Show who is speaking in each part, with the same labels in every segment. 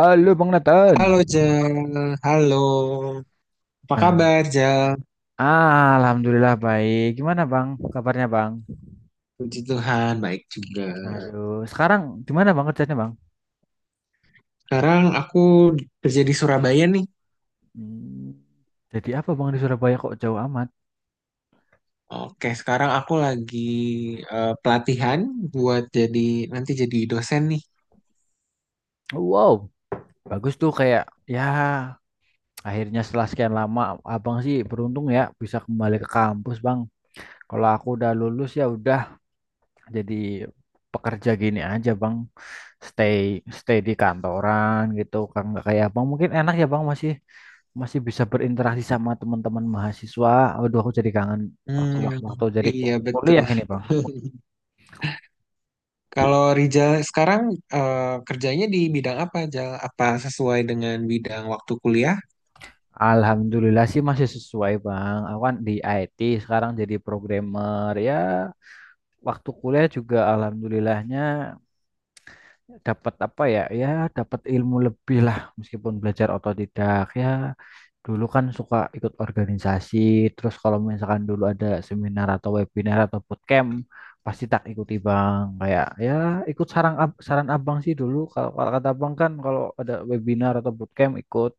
Speaker 1: Halo Bang Nathan.
Speaker 2: Halo Jal, halo. Apa kabar Jal?
Speaker 1: Ah, Alhamdulillah baik. Gimana Bang? Kabarnya Bang?
Speaker 2: Puji Tuhan, baik juga.
Speaker 1: Aduh, sekarang gimana Bang kerjanya Bang?
Speaker 2: Sekarang aku kerja di Surabaya nih.
Speaker 1: Hmm, jadi apa Bang di Surabaya kok jauh amat?
Speaker 2: Oke, sekarang aku lagi pelatihan buat jadi nanti jadi dosen nih.
Speaker 1: Wow, bagus tuh kayak ya, akhirnya setelah sekian lama Abang sih beruntung ya bisa kembali ke kampus Bang. Kalau aku udah lulus ya udah jadi pekerja gini aja Bang. Stay stay di kantoran gitu kan nggak kayak Abang, mungkin enak ya Bang masih masih bisa berinteraksi sama teman-teman mahasiswa. Aduh, aku jadi kangen waktu
Speaker 2: Hmm,
Speaker 1: waktu, jadi
Speaker 2: iya betul.
Speaker 1: kuliah ini, Bang.
Speaker 2: Kalau Rijal sekarang eh, kerjanya di bidang apa Jal? Apa sesuai dengan bidang waktu kuliah?
Speaker 1: Alhamdulillah sih masih sesuai, Bang. Aku kan di IT sekarang, jadi programmer ya. Waktu kuliah juga alhamdulillahnya dapat apa ya ya dapat ilmu lebih lah, meskipun belajar otodidak ya. Dulu kan suka ikut organisasi, terus kalau misalkan dulu ada seminar atau webinar atau bootcamp pasti tak ikuti Bang. Kayak ya, ikut saran ab- saran abang sih dulu. Kalau kalau kata abang kan kalau ada webinar atau bootcamp ikut,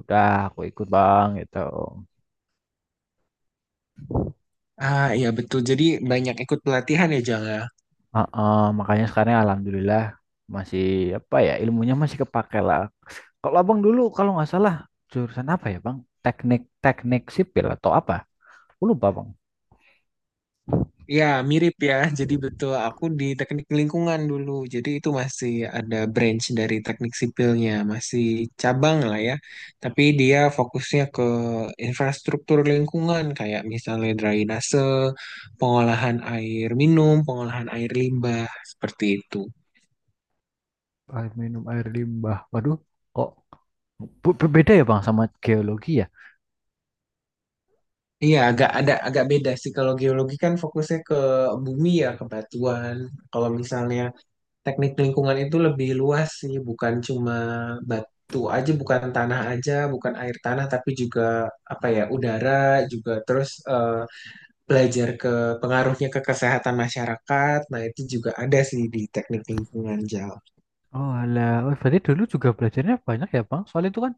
Speaker 1: udah aku ikut Bang, gitu.
Speaker 2: Ah, iya betul. Jadi banyak ikut pelatihan ya, Jala.
Speaker 1: Heeh, makanya sekarang alhamdulillah masih, apa ya, ilmunya masih kepake lah. Kalau abang dulu kalau nggak salah jurusan apa ya Bang? Teknik teknik sipil atau apa? Aku lupa Bang.
Speaker 2: Ya, mirip ya. Jadi betul, aku di teknik lingkungan dulu. Jadi itu masih ada branch dari teknik sipilnya, masih cabang lah ya. Tapi dia fokusnya ke infrastruktur lingkungan, kayak misalnya drainase, pengolahan air minum, pengolahan air limbah, seperti itu.
Speaker 1: Air minum, air limbah. Waduh, kok berbeda ya Bang sama geologi ya?
Speaker 2: Iya, agak ada agak beda sih. Kalau geologi kan fokusnya ke bumi ya, ke batuan. Kalau misalnya teknik lingkungan itu lebih luas sih, bukan cuma batu aja, bukan tanah aja, bukan air tanah, tapi juga apa ya, udara juga terus belajar ke pengaruhnya ke kesehatan masyarakat. Nah, itu juga ada sih di teknik lingkungan Jal.
Speaker 1: Oh alah, oh, berarti dulu juga belajarnya banyak ya Bang? Soal itu kan,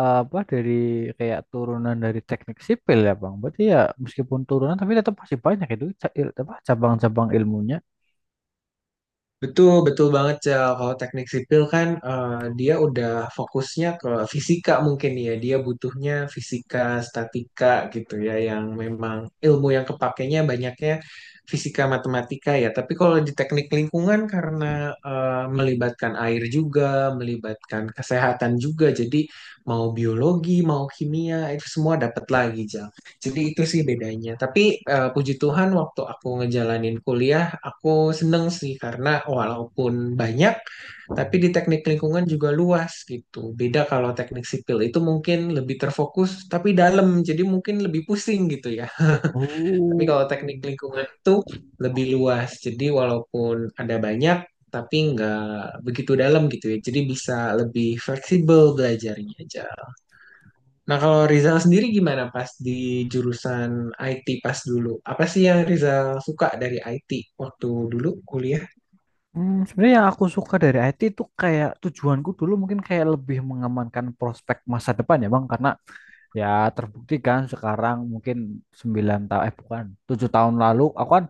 Speaker 1: apa, dari kayak turunan dari teknik sipil ya Bang? Berarti ya meskipun turunan tapi tetap masih banyak itu ca- il- apa cabang-cabang ilmunya.
Speaker 2: Betul, betul banget, Cel. Kalau teknik sipil kan dia udah fokusnya ke fisika mungkin ya. Dia butuhnya fisika, statika gitu ya, yang memang ilmu yang kepakainya banyaknya fisika, matematika ya. Tapi kalau di teknik lingkungan karena melibatkan air juga, melibatkan kesehatan juga, jadi mau biologi, mau kimia, itu semua dapat lagi, Cel. Jadi itu sih bedanya. Tapi puji Tuhan waktu aku ngejalanin kuliah, aku seneng sih karena walaupun banyak, tapi di teknik lingkungan juga luas gitu. Beda kalau teknik sipil itu mungkin lebih terfokus tapi dalam, jadi mungkin lebih pusing gitu ya. Tapi
Speaker 1: Oh.
Speaker 2: kalau teknik lingkungan itu lebih luas, jadi walaupun ada banyak, tapi nggak begitu dalam gitu ya. Jadi bisa lebih fleksibel belajarnya aja. Nah, kalau Rizal sendiri gimana pas di jurusan IT pas dulu? Apa sih yang Rizal suka dari IT waktu dulu kuliah?
Speaker 1: Sebenarnya yang aku suka dari IT itu kayak tujuanku dulu, mungkin kayak lebih mengamankan prospek masa depan ya Bang, karena ya terbukti kan sekarang mungkin 9 tahun, eh, bukan 7 tahun lalu, aku kan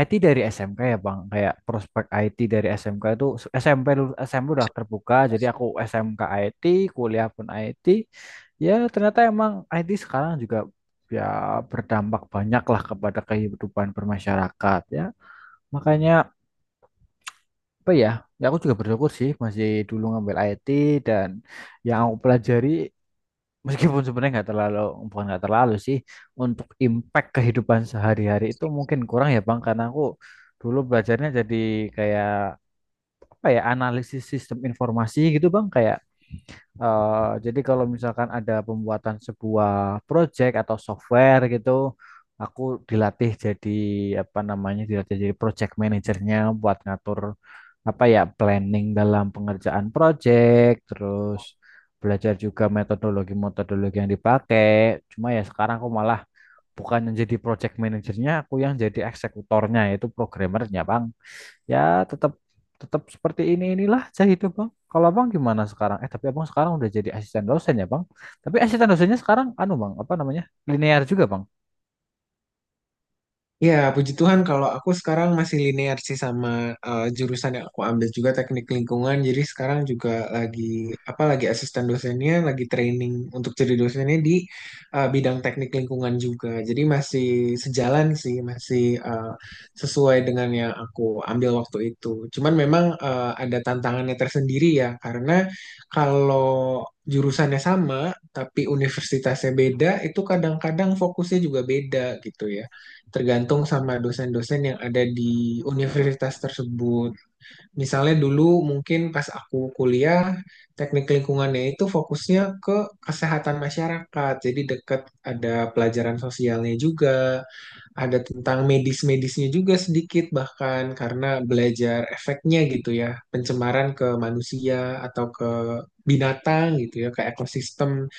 Speaker 1: IT dari SMK ya Bang. Kayak prospek IT dari SMK itu SMP, lulus SMP udah terbuka, jadi aku SMK IT, kuliah pun IT. Ya ternyata emang IT sekarang juga ya berdampak banyak lah kepada kehidupan bermasyarakat ya, makanya, apa ya ya aku juga bersyukur sih masih dulu ngambil IT. Dan yang aku pelajari, meskipun sebenarnya nggak terlalu, bukan nggak terlalu sih, untuk impact kehidupan sehari-hari itu mungkin kurang ya Bang, karena aku dulu belajarnya jadi kayak, apa ya, analisis sistem informasi gitu Bang. Kayak, jadi kalau misalkan ada pembuatan sebuah project atau software gitu, aku dilatih jadi dilatih jadi project manajernya buat ngatur, apa ya, planning dalam pengerjaan project, terus belajar juga metodologi-metodologi yang dipakai. Cuma ya sekarang aku malah bukan yang jadi project manajernya, aku yang jadi eksekutornya, yaitu programmernya, Bang. Ya, tetap tetap seperti ini, inilah saya hidup, Bang. Kalau Abang gimana sekarang? Eh, tapi Abang sekarang udah jadi asisten dosen ya, Bang. Tapi asisten dosennya sekarang anu, Bang, apa namanya? Linear juga, Bang.
Speaker 2: Ya, puji Tuhan kalau aku sekarang masih linear sih sama jurusan yang aku ambil juga teknik lingkungan. Jadi sekarang juga lagi apa lagi asisten dosennya, lagi training untuk jadi dosennya di bidang teknik lingkungan juga. Jadi masih sejalan sih, masih sesuai dengan yang aku ambil waktu itu. Cuman memang ada tantangannya tersendiri ya, karena kalau jurusannya sama tapi universitasnya beda, itu kadang-kadang fokusnya juga beda gitu ya tergantung sama dosen-dosen yang ada di universitas tersebut. Misalnya dulu mungkin pas aku kuliah, teknik lingkungannya itu fokusnya ke kesehatan masyarakat. Jadi deket ada pelajaran sosialnya juga, ada tentang medis-medisnya juga sedikit bahkan karena belajar efeknya gitu ya, pencemaran ke manusia atau ke binatang gitu ya, ke ekosistem.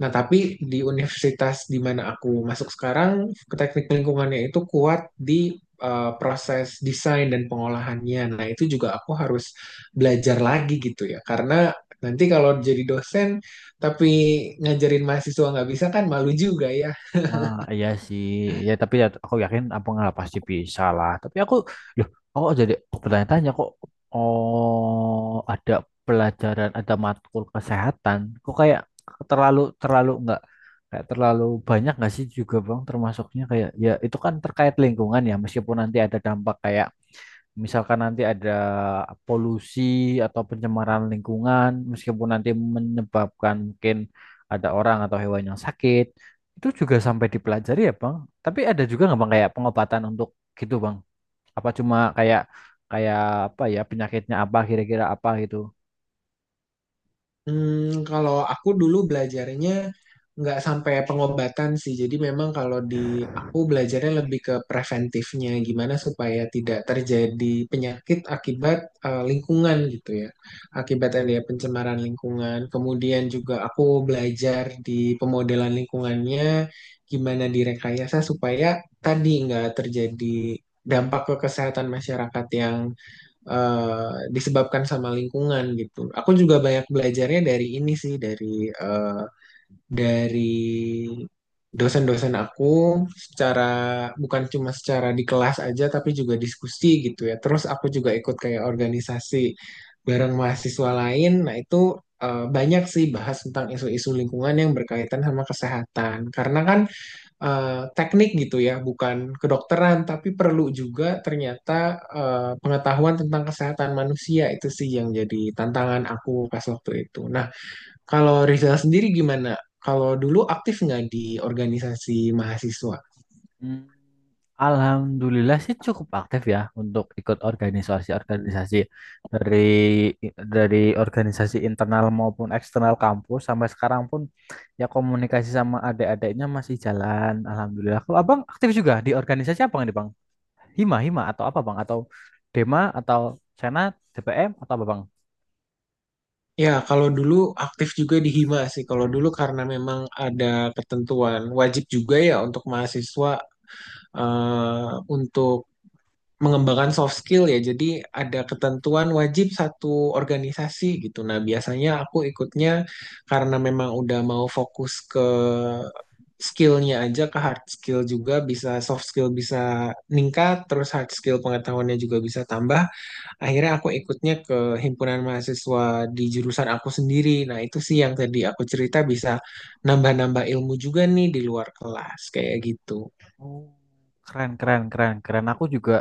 Speaker 2: Nah, tapi di universitas di mana aku masuk sekarang, teknik lingkungannya itu kuat di proses desain dan pengolahannya. Nah, itu juga aku harus belajar lagi gitu ya. Karena nanti kalau jadi dosen tapi ngajarin mahasiswa nggak bisa kan malu juga ya.
Speaker 1: Ah, iya sih. Ya, tapi ya, aku yakin Abang lah pasti bisa lah. Tapi aku, loh, aku jadi bertanya-tanya, kok, oh, ada pelajaran, ada matkul kesehatan. Kok kayak terlalu terlalu enggak, kayak terlalu banyak nggak sih juga Bang termasuknya, kayak ya itu kan terkait lingkungan ya, meskipun nanti ada dampak kayak, misalkan nanti ada polusi atau pencemaran lingkungan, meskipun nanti menyebabkan mungkin ada orang atau hewan yang sakit, itu juga sampai dipelajari ya, Bang. Tapi ada juga nggak, Bang, kayak pengobatan untuk gitu, Bang? Apa cuma kayak, kayak, apa ya, penyakitnya apa, kira-kira apa gitu?
Speaker 2: Hmm, kalau aku dulu belajarnya nggak sampai pengobatan sih. Jadi memang kalau di aku belajarnya lebih ke preventifnya, gimana supaya tidak terjadi penyakit akibat lingkungan gitu ya. Akibat ada pencemaran lingkungan. Kemudian juga aku belajar di pemodelan lingkungannya, gimana direkayasa supaya tadi nggak terjadi dampak ke kesehatan masyarakat yang disebabkan sama lingkungan gitu. Aku juga banyak belajarnya dari ini sih, dari dari dosen-dosen aku secara bukan cuma secara di kelas aja tapi juga diskusi gitu ya. Terus aku juga ikut kayak organisasi bareng mahasiswa lain. Nah, itu banyak sih bahas tentang isu-isu lingkungan yang berkaitan sama kesehatan. Karena kan teknik gitu ya, bukan kedokteran, tapi perlu juga ternyata pengetahuan tentang kesehatan manusia itu sih yang jadi tantangan aku pas waktu itu. Nah, kalau Rizal sendiri gimana? Kalau dulu aktif nggak di organisasi mahasiswa?
Speaker 1: Hmm, Alhamdulillah sih cukup aktif ya untuk ikut organisasi-organisasi, dari dari organisasi internal maupun eksternal kampus, sampai sekarang pun ya komunikasi sama adik-adiknya masih jalan. Alhamdulillah. Kalau Abang aktif juga di organisasi apa nih Bang? Hima atau apa Bang? Atau Dema, atau Senat, DPM, atau apa Bang?
Speaker 2: Ya, kalau dulu aktif juga di Hima sih. Kalau dulu karena memang ada ketentuan wajib juga ya untuk mahasiswa eh, untuk mengembangkan soft skill ya. Jadi ada ketentuan wajib satu organisasi gitu. Nah, biasanya aku ikutnya karena memang udah mau fokus ke skillnya aja ke hard skill juga bisa soft skill bisa meningkat terus hard skill pengetahuannya juga bisa tambah akhirnya aku ikutnya ke himpunan mahasiswa di jurusan aku sendiri. Nah itu sih yang tadi aku cerita, bisa nambah-nambah ilmu juga nih di luar kelas kayak gitu.
Speaker 1: Oh, keren keren keren keren. Aku juga,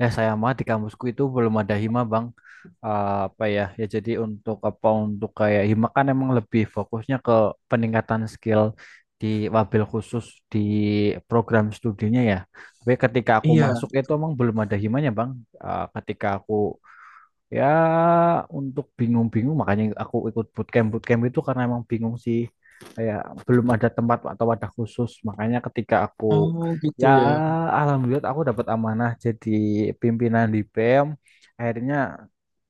Speaker 1: ya sayang banget di kampusku itu belum ada hima Bang. Apa ya, ya jadi untuk apa, untuk kayak hima kan emang lebih fokusnya ke peningkatan skill di wabil khusus di program studinya ya. Tapi ketika aku
Speaker 2: Iya,
Speaker 1: masuk itu emang belum ada himanya Bang. Eh, ketika aku Ya, untuk bingung-bingung makanya aku ikut bootcamp. Bootcamp itu karena emang bingung sih. Kayak belum ada tempat atau wadah khusus. Makanya ketika aku
Speaker 2: oh gitu
Speaker 1: ya
Speaker 2: ya.
Speaker 1: alhamdulillah aku dapat amanah jadi pimpinan di PM. Akhirnya,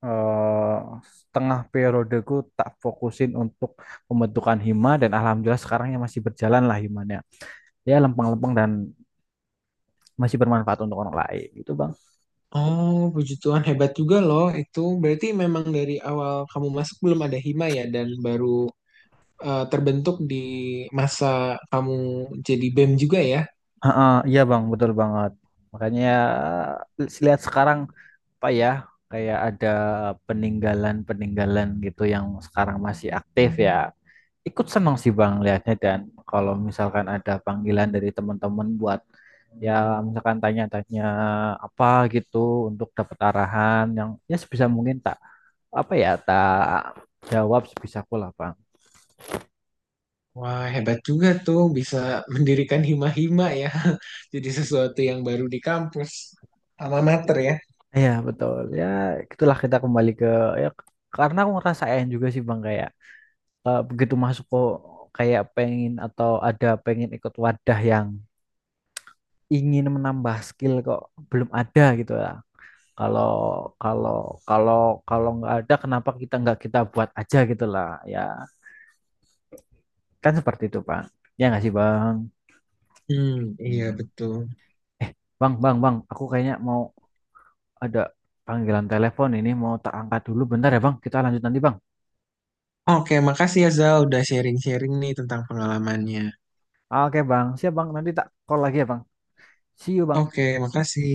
Speaker 1: eh, setengah periodeku tak fokusin untuk pembentukan hima, dan alhamdulillah sekarang ya masih berjalan lah himanya. Ya lempeng-lempeng dan masih bermanfaat untuk orang lain. Itu Bang.
Speaker 2: Oh, puji Tuhan hebat juga loh itu. Berarti memang dari awal kamu masuk belum ada hima ya dan baru terbentuk di masa kamu jadi BEM juga ya.
Speaker 1: Heeh, iya Bang, betul banget. Makanya ya, lihat sekarang, apa ya, kayak ada peninggalan-peninggalan gitu yang sekarang masih aktif ya, ikut senang sih Bang lihatnya. Dan kalau misalkan ada panggilan dari teman-teman buat, ya, misalkan tanya-tanya apa gitu untuk dapat arahan yang, ya sebisa mungkin tak, apa ya tak jawab sebisaku lah Bang.
Speaker 2: Wah, hebat juga tuh bisa mendirikan hima-hima ya. Jadi sesuatu yang baru di kampus. Alma mater ya.
Speaker 1: Iya betul ya, itulah, kita kembali ke, ya karena aku ngerasain juga sih Bang kayak, begitu masuk kok kayak pengen, atau ada pengen ikut wadah yang ingin menambah skill, kok belum ada gitu ya. Kalau kalau kalau kalau nggak ada, kenapa kita nggak kita buat aja gitu lah, ya kan, seperti itu Bang. Ya nggak sih Bang?
Speaker 2: Hmm, iya
Speaker 1: Hmm.
Speaker 2: betul.
Speaker 1: Eh Bang Bang Bang, aku kayaknya mau ada panggilan telepon ini, mau tak angkat dulu bentar ya Bang. Kita lanjut nanti Bang.
Speaker 2: Oke, makasih ya Zal udah sharing-sharing nih tentang pengalamannya.
Speaker 1: Oke Bang, siap Bang. Nanti tak call lagi ya Bang. See you
Speaker 2: Oke,
Speaker 1: Bang.
Speaker 2: makasih.